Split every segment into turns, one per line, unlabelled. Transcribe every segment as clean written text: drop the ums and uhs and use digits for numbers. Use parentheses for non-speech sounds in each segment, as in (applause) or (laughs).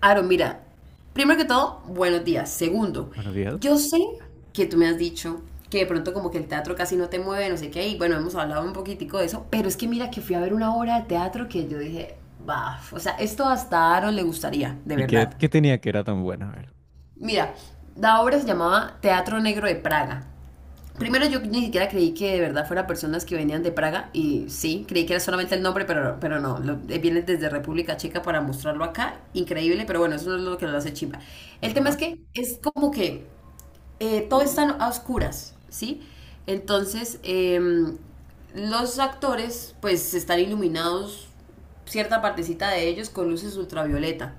Aaron, mira, primero que todo, buenos días. Segundo,
Buenos
yo
días.
sé que tú me has dicho que de pronto como que el teatro casi no te mueve, no sé qué, y bueno, hemos hablado un poquitico de eso, pero es que mira que fui a ver una obra de teatro que yo dije, baf, o sea, esto hasta a Aaron le gustaría, de
¿Y qué,
verdad.
qué tenía que era tan buena? A ver.
Mira, la obra se llamaba Teatro Negro de Praga. Primero yo ni siquiera creí que de verdad fueran personas que venían de Praga y sí, creí que era solamente el nombre, pero no, vienen desde República Checa para mostrarlo acá, increíble, pero bueno, eso no es lo que lo hace chimba. El tema es
Ajá.
que es como que todo está a oscuras, ¿sí? Entonces, los actores pues están iluminados cierta partecita de ellos con luces ultravioleta.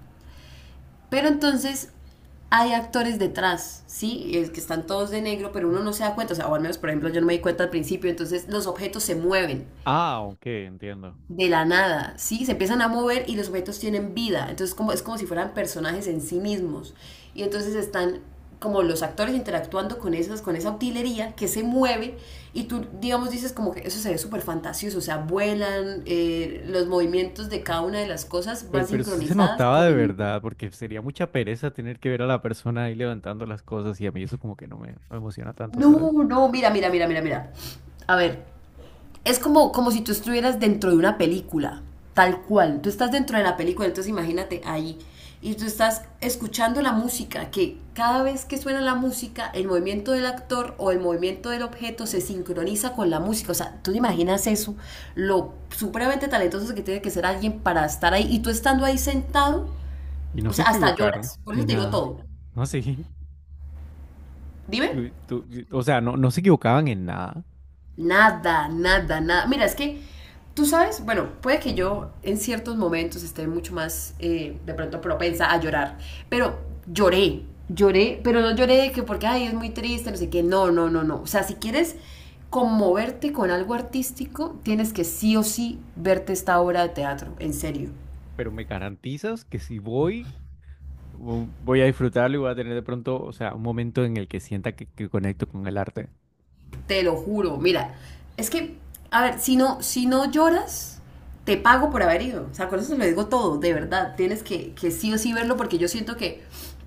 Pero entonces hay actores detrás, ¿sí? Es que están todos de negro, pero uno no se da cuenta. O sea, o al menos, por ejemplo, yo no me di cuenta al principio. Entonces, los objetos se mueven
Ah, ok, entiendo.
de la nada, ¿sí? Se empiezan a mover y los objetos tienen vida. Entonces, como, es como si fueran personajes en sí mismos. Y entonces están como los actores interactuando con esas, con esa utilería que se mueve y tú, digamos, dices como que eso se ve súper fantasioso, o sea, vuelan, los movimientos de cada una de las cosas
Pero,
van
pero sí se
sincronizadas
notaba
con
de
el,
verdad, porque sería mucha pereza tener que ver a la persona ahí levantando las cosas y a mí eso como que no me emociona tanto, ¿sabes?
no, no, mira, mira, mira, mira, mira. A ver, es como, como si tú estuvieras dentro de una película, tal cual. Tú estás dentro de la película, entonces imagínate ahí. Y tú estás escuchando la música, que cada vez que suena la música, el movimiento del actor o el movimiento del objeto se sincroniza con la música. O sea, tú te imaginas eso, lo supremamente talentoso que tiene que ser alguien para estar ahí. Y tú estando ahí sentado,
Y no
o
se
sea, hasta
equivocaron,
lloras. Por eso
ni
te digo
nada.
todo.
No sé.
Dime.
tú- tú- o sea, no, no se equivocaban en nada,
Nada, nada, nada. Mira, es que tú sabes, bueno, puede que yo en ciertos momentos esté mucho más de pronto propensa a llorar, pero lloré, lloré, pero no lloré de que porque, ay, es muy triste, no sé qué, no, no, no, no. O sea, si quieres conmoverte con algo artístico, tienes que sí o sí verte esta obra de teatro, en serio.
pero me garantizas que si voy, voy a disfrutarlo y voy a tener de pronto, o sea, un momento en el que sienta que conecto con el arte.
Te lo juro. Mira, es que, a ver, si no, si no lloras, te pago por haber ido. O sea, con eso te lo digo todo, de
Mm.
verdad. Tienes que sí o sí verlo porque yo siento que,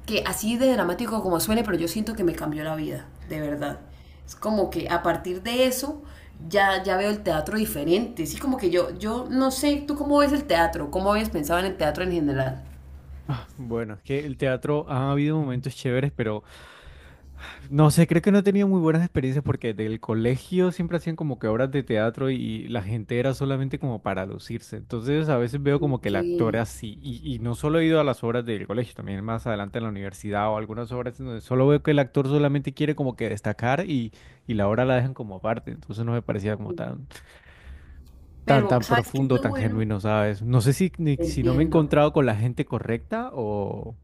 que así de dramático como suene, pero yo siento que me cambió la vida, de verdad. Es como que a partir de eso ya, ya veo el teatro diferente. Sí, como que yo no sé, ¿tú cómo ves el teatro? ¿Cómo habías pensado en el teatro en general?
Bueno, es que el teatro ha habido momentos chéveres, pero no sé, creo que no he tenido muy buenas experiencias porque del colegio siempre hacían como que obras de teatro y la gente era solamente como para lucirse. Entonces a veces veo como que
Ok.
el actor así, y no solo he ido a las obras del colegio, también más adelante en la universidad o algunas obras en donde solo veo que el actor solamente quiere como que destacar, y la obra la dejan como aparte. Entonces no me parecía como
Pero,
tan
¿sabes qué es
profundo,
lo
tan
bueno?
genuino, ¿sabes? No sé si, si no me he
Entiendo.
encontrado con la gente correcta o...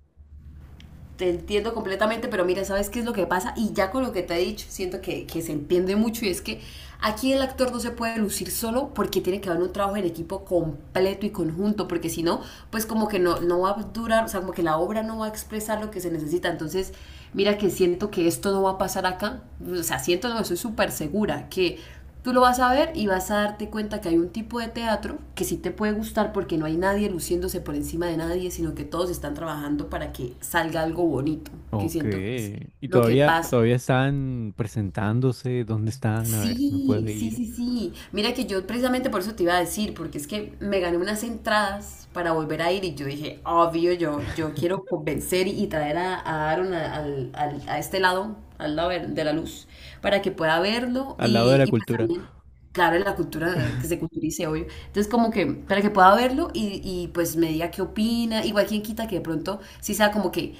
Te entiendo completamente, pero mira, ¿sabes qué es lo que pasa? Y ya con lo que te he dicho, siento que se entiende mucho y es que aquí el actor no se puede lucir solo porque tiene que haber un trabajo en equipo completo y conjunto, porque si no, pues como que no, no va a durar, o sea, como que la obra no va a expresar lo que se necesita. Entonces, mira que siento que esto no va a pasar acá, o sea, siento, no, estoy súper segura que tú lo vas a ver y vas a darte cuenta que hay un tipo de teatro que sí te puede gustar porque no hay nadie luciéndose por encima de nadie, sino que todos están trabajando para que salga algo bonito, que
Ok.
siento que es
¿Y
lo que pasa.
todavía están presentándose? ¿Dónde están? A ver si me
Sí,
puedo
sí,
ir.
sí, sí. Mira que yo precisamente por eso te iba a decir, porque es que me gané unas entradas para volver a ir y yo dije, obvio, yo quiero convencer y traer a Aaron a a este lado, al lado de la luz, para que pueda verlo
Al lado de la
y pues
cultura.
también, claro, la cultura, que se culturice, obvio. Entonces como que, para que pueda verlo y pues me diga qué opina, igual quien quita que de pronto sí sea como que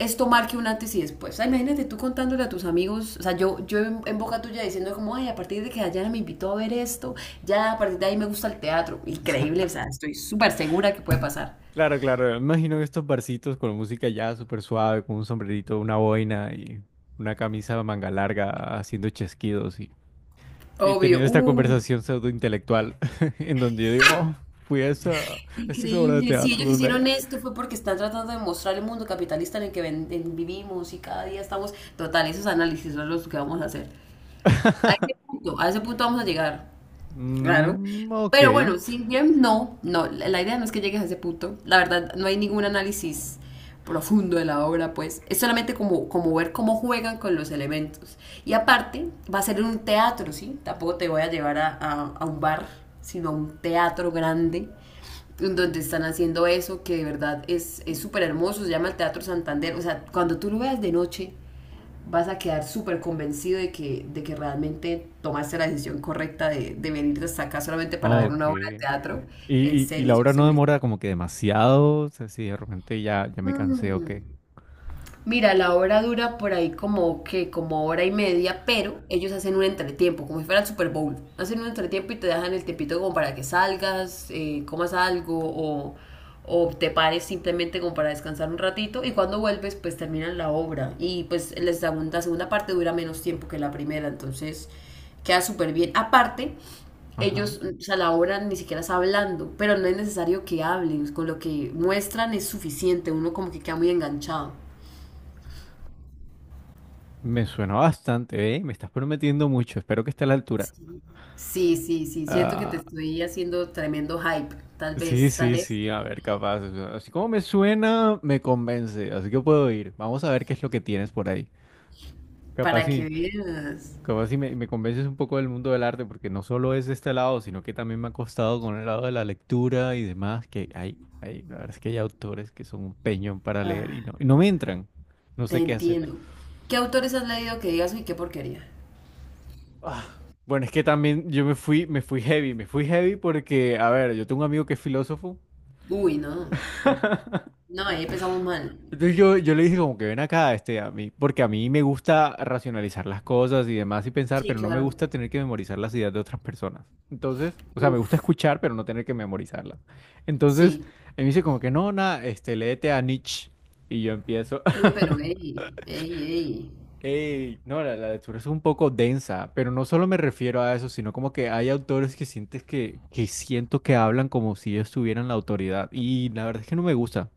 esto marque un antes y después. O sea, imagínate tú contándole a tus amigos, o sea, yo en boca tuya diciendo como, ay, a partir de que Dayana me invitó a ver esto, ya a partir de ahí me gusta el teatro. Increíble, o sea, estoy súper segura que puede pasar.
Claro, claro. Me imagino que estos barcitos con música ya súper suave, con un sombrerito, una boina y una camisa de manga larga haciendo chasquidos, y
Obvio.
teniendo esta conversación pseudo intelectual (laughs) en donde yo digo, oh, fui a esa obra de
Increíble. Si
teatro
ellos
cuando allá.
hicieron esto fue porque están tratando de mostrar el mundo capitalista en el que vivimos y cada día estamos. Total, esos análisis son los que vamos a hacer. A ese punto vamos a llegar. Claro.
Mm, ok.
Pero bueno, sí, bien, no, no, la idea no es que llegues a ese punto. La verdad, no hay ningún análisis profundo de la obra, pues es solamente como, como ver cómo juegan con los elementos. Y aparte, va a ser en un teatro, ¿sí? Tampoco te voy a llevar a un bar, sino a un teatro grande, en donde están haciendo eso, que de verdad es súper hermoso, se llama el Teatro Santander. O sea, cuando tú lo veas de noche, vas a quedar súper convencido de que realmente tomaste la decisión correcta de venir hasta acá solamente para ver
Ok.
una obra de
Y,
teatro. En
y
serio,
la
estoy
obra no
segurísima.
demora como que demasiado, o sea, si de repente ya me cansé o qué.
Mm. Mira, la obra dura por ahí como que como hora y media, pero ellos hacen un entretiempo, como si fuera el Super Bowl. Hacen un entretiempo y te dejan el tiempito como para que salgas, comas algo o te pares simplemente como para descansar un ratito y cuando vuelves pues terminan la obra y pues la segunda parte dura menos tiempo que la primera, entonces queda súper bien. Aparte,
Ajá.
ellos o sea, la obra ni siquiera está hablando, pero no es necesario que hablen, con lo que muestran es suficiente, uno como que queda muy enganchado.
Me suena bastante, ¿eh? Me estás prometiendo mucho, espero que esté a la altura.
Sí, sí, sí, siento que te
Ah,
estoy haciendo tremendo hype,
sí,
tal
sí,
vez,
sí, a ver, capaz. O sea, así como me suena, me convence, así que puedo ir. Vamos a ver qué es lo que tienes por ahí. Capaz
para que
sí.
veas.
Como si me convences un poco del mundo del arte, porque no solo es este lado, sino que también me ha costado con el lado de la lectura y demás, que hay, la verdad es que hay autores que son un peñón para leer
Ah,
y no me entran. No
te
sé qué hacer.
entiendo. ¿Qué autores has leído que digas, uy, qué porquería?
Ah, bueno, es que también yo me fui heavy porque, a ver, yo tengo un amigo que es filósofo.
Uy, no. No, ahí empezamos mal.
Entonces yo le dije como que ven acá, este, a mí, porque a mí me gusta racionalizar las cosas y demás y pensar,
Sí,
pero no me
claro.
gusta tener que memorizar las ideas de otras personas. Entonces, o sea, me gusta
Uf,
escuchar, pero no tener que memorizarlas. Entonces,
sí.
él me dice como que no, nada, este, léete a Nietzsche. Y yo empiezo,
Uy,
(laughs)
pero ey, ey, ey.
ey, no, la lectura es un poco densa, pero no solo me refiero a eso, sino como que hay autores que sientes que siento que hablan como si ellos tuvieran la autoridad. Y la verdad es que no me gusta.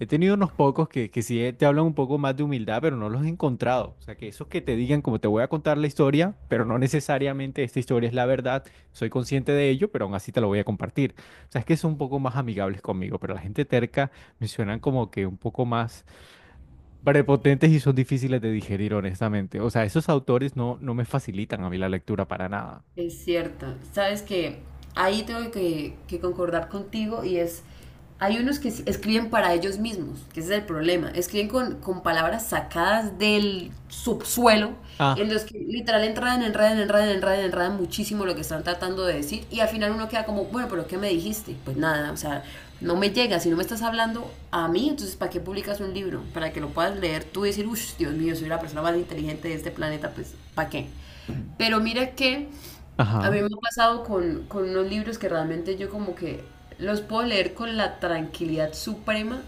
He tenido unos pocos que sí te hablan un poco más de humildad, pero no los he encontrado. O sea, que esos que te digan, como te voy a contar la historia, pero no necesariamente esta historia es la verdad, soy consciente de ello, pero aún así te lo voy a compartir. O sea, es que son un poco más amigables conmigo, pero la gente terca me suenan como que un poco más prepotentes y son difíciles de digerir, honestamente. O sea, esos autores no, no me facilitan a mí la lectura para nada.
Es cierto. Sabes que ahí tengo que concordar contigo y es, hay unos que escriben para ellos mismos, que ese es el problema. Escriben con palabras sacadas del subsuelo,
Ah,
en los que literal enredan, enredan, enredan, enredan, enredan muchísimo lo que están tratando de decir y al final uno queda como, bueno, pero ¿qué me dijiste? Pues nada, o sea, no me llega, si no me estás hablando a mí, entonces ¿para qué publicas un libro? Para que lo puedas leer tú y decir, uff, Dios mío, soy la persona más inteligente de este planeta, pues ¿para qué?
mm,
Pero mira que a
ajá,
mí me ha pasado con unos libros que realmente yo como que los puedo leer con la tranquilidad suprema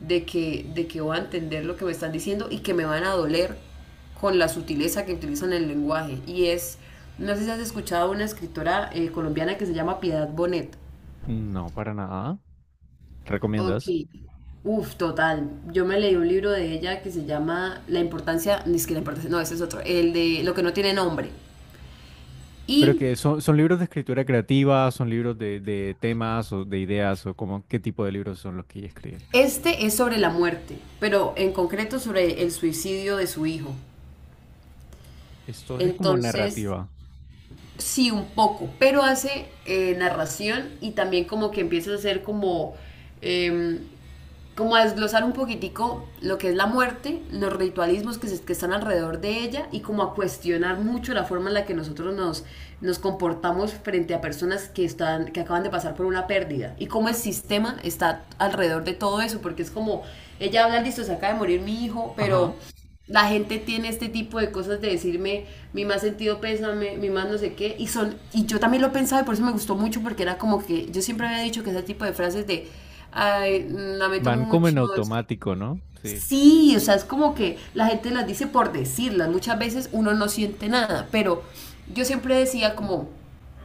de que voy a entender lo que me están diciendo y que me van a doler con la sutileza que utilizan el lenguaje. Y es, no sé si has escuchado una escritora colombiana que se llama Piedad Bonet.
no, para nada.
Ok,
¿Recomiendas?
uf, total. Yo me leí un libro de ella que se llama La importancia, ni siquiera la importancia, no, ese es otro, el de Lo que no tiene nombre.
Pero
Y
que son, son libros de escritura creativa, son libros de temas o de ideas o como qué tipo de libros son los que ella escribe.
este es sobre la muerte, pero en concreto sobre el suicidio de su hijo.
Esto es como
Entonces,
narrativa.
sí, un poco, pero hace narración y también como que empieza a hacer como, em, como a desglosar un poquitico lo que es la muerte, los ritualismos que, que están alrededor de ella y como a cuestionar mucho la forma en la que nosotros nos, nos comportamos frente a personas que, están, que acaban de pasar por una pérdida y cómo el sistema está alrededor de todo eso, porque es como, ella habla, listo, se acaba de morir mi hijo,
Ajá.
pero la gente tiene este tipo de cosas de decirme mi más sentido pésame, mi más no sé qué, y son, y yo también lo pensaba y por eso me gustó mucho, porque era como que yo siempre había dicho que ese tipo de frases de ay, lamento
Van como en
mucho,
automático, ¿no? Sí.
sí, o sea, es como que la gente las dice por decirlas. Muchas veces uno no siente nada, pero yo siempre decía como,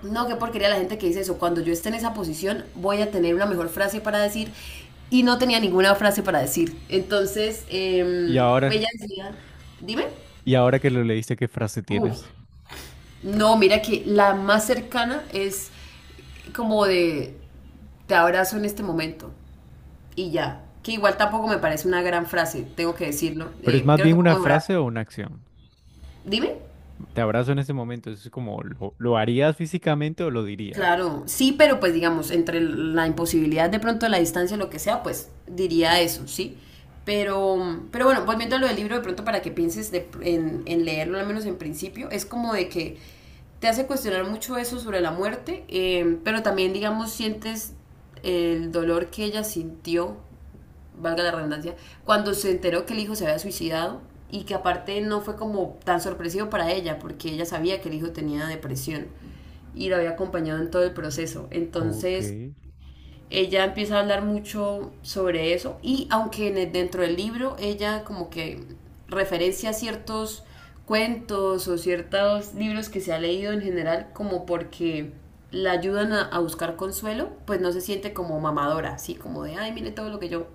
no, qué porquería la gente que dice eso. Cuando yo esté en esa posición, voy a tener una mejor frase para decir y no tenía ninguna frase para decir. Entonces,
Y ahora,
ella decía, dime,
y ahora que lo leíste, ¿qué frase
uf,
tienes?
no, mira que la más cercana es como de, te abrazo en este momento y ya. Que igual tampoco me parece una gran frase, tengo que decirlo.
Pero es más
Creo
bien
que
una
puedo mejorar.
frase o una acción.
Dime.
Te abrazo en ese momento. Es como, lo harías físicamente o lo dirías?
Claro, sí, pero pues digamos, entre la imposibilidad de pronto de la distancia, lo que sea, pues diría eso, ¿sí? Pero bueno, volviendo a lo del libro, de pronto para que pienses en leerlo, al menos en principio, es como de que te hace cuestionar mucho eso sobre la muerte, pero también, digamos, sientes el dolor que ella sintió valga la redundancia, cuando se enteró que el hijo se había suicidado y que aparte no fue como tan sorpresivo para ella porque ella sabía que el hijo tenía depresión y lo había acompañado en todo el proceso.
Ok.
Entonces, ella empieza a hablar mucho sobre eso y aunque en dentro del libro ella como que referencia ciertos cuentos o ciertos libros que se ha leído en general como porque la ayudan a buscar consuelo, pues no se siente como mamadora, así como de, ay, mire todo lo que yo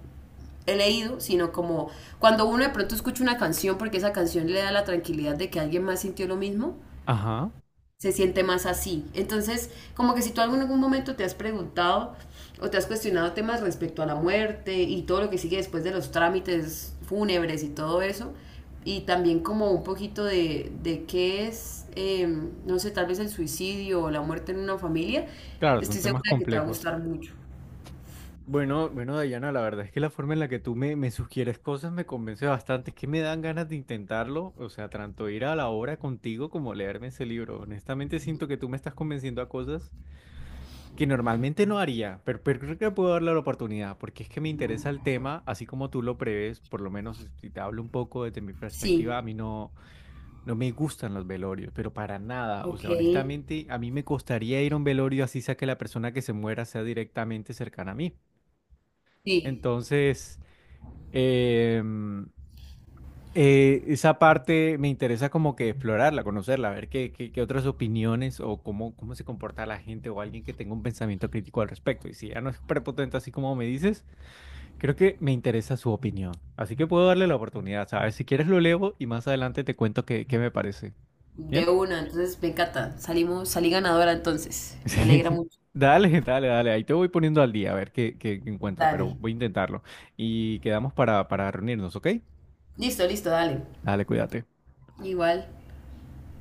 he leído, sino como cuando uno de pronto escucha una canción porque esa canción le da la tranquilidad de que alguien más sintió lo mismo,
Ajá.
se siente más así. Entonces, como que si tú en algún momento te has preguntado o te has cuestionado temas respecto a la muerte y todo lo que sigue después de los trámites fúnebres y todo eso, y también como un poquito de qué es, no sé, tal vez el suicidio o la muerte en una familia,
Claro, son
estoy segura
temas
de que te va a
complejos.
gustar mucho.
Bueno, bueno, Dayana, la verdad es que la forma en la que tú me sugieres cosas me convence bastante, es que me dan ganas de intentarlo, o sea, tanto ir a la obra contigo como leerme ese libro. Honestamente siento que tú me estás convenciendo a cosas que normalmente no haría, pero creo que puedo darle la oportunidad, porque es que me interesa el tema, así como tú lo prevés, por lo menos si te hablo un poco desde mi
Sí,
perspectiva, a mí no, no me gustan los velorios, pero para nada, o
ok,
sea, honestamente a mí me costaría ir a un velorio así sea que la persona que se muera sea directamente cercana a mí.
sí.
Entonces, em, esa parte me interesa como que explorarla, conocerla, ver qué otras opiniones o cómo, cómo se comporta la gente o alguien que tenga un pensamiento crítico al respecto. Y si ya no es prepotente así como me dices, creo que me interesa su opinión. Así que puedo darle la oportunidad, ¿sabes? Si quieres lo leo y más adelante te cuento qué me parece. ¿Bien?
De
(laughs)
una, entonces me encanta. Salimos, salí ganadora entonces. Me
Sí.
alegra mucho.
Dale, dale, dale. Ahí te voy poniendo al día a ver qué encuentro, pero
Dale.
voy a intentarlo. Y quedamos para reunirnos, ¿ok?
Listo, listo, dale.
Dale, cuídate.
Igual.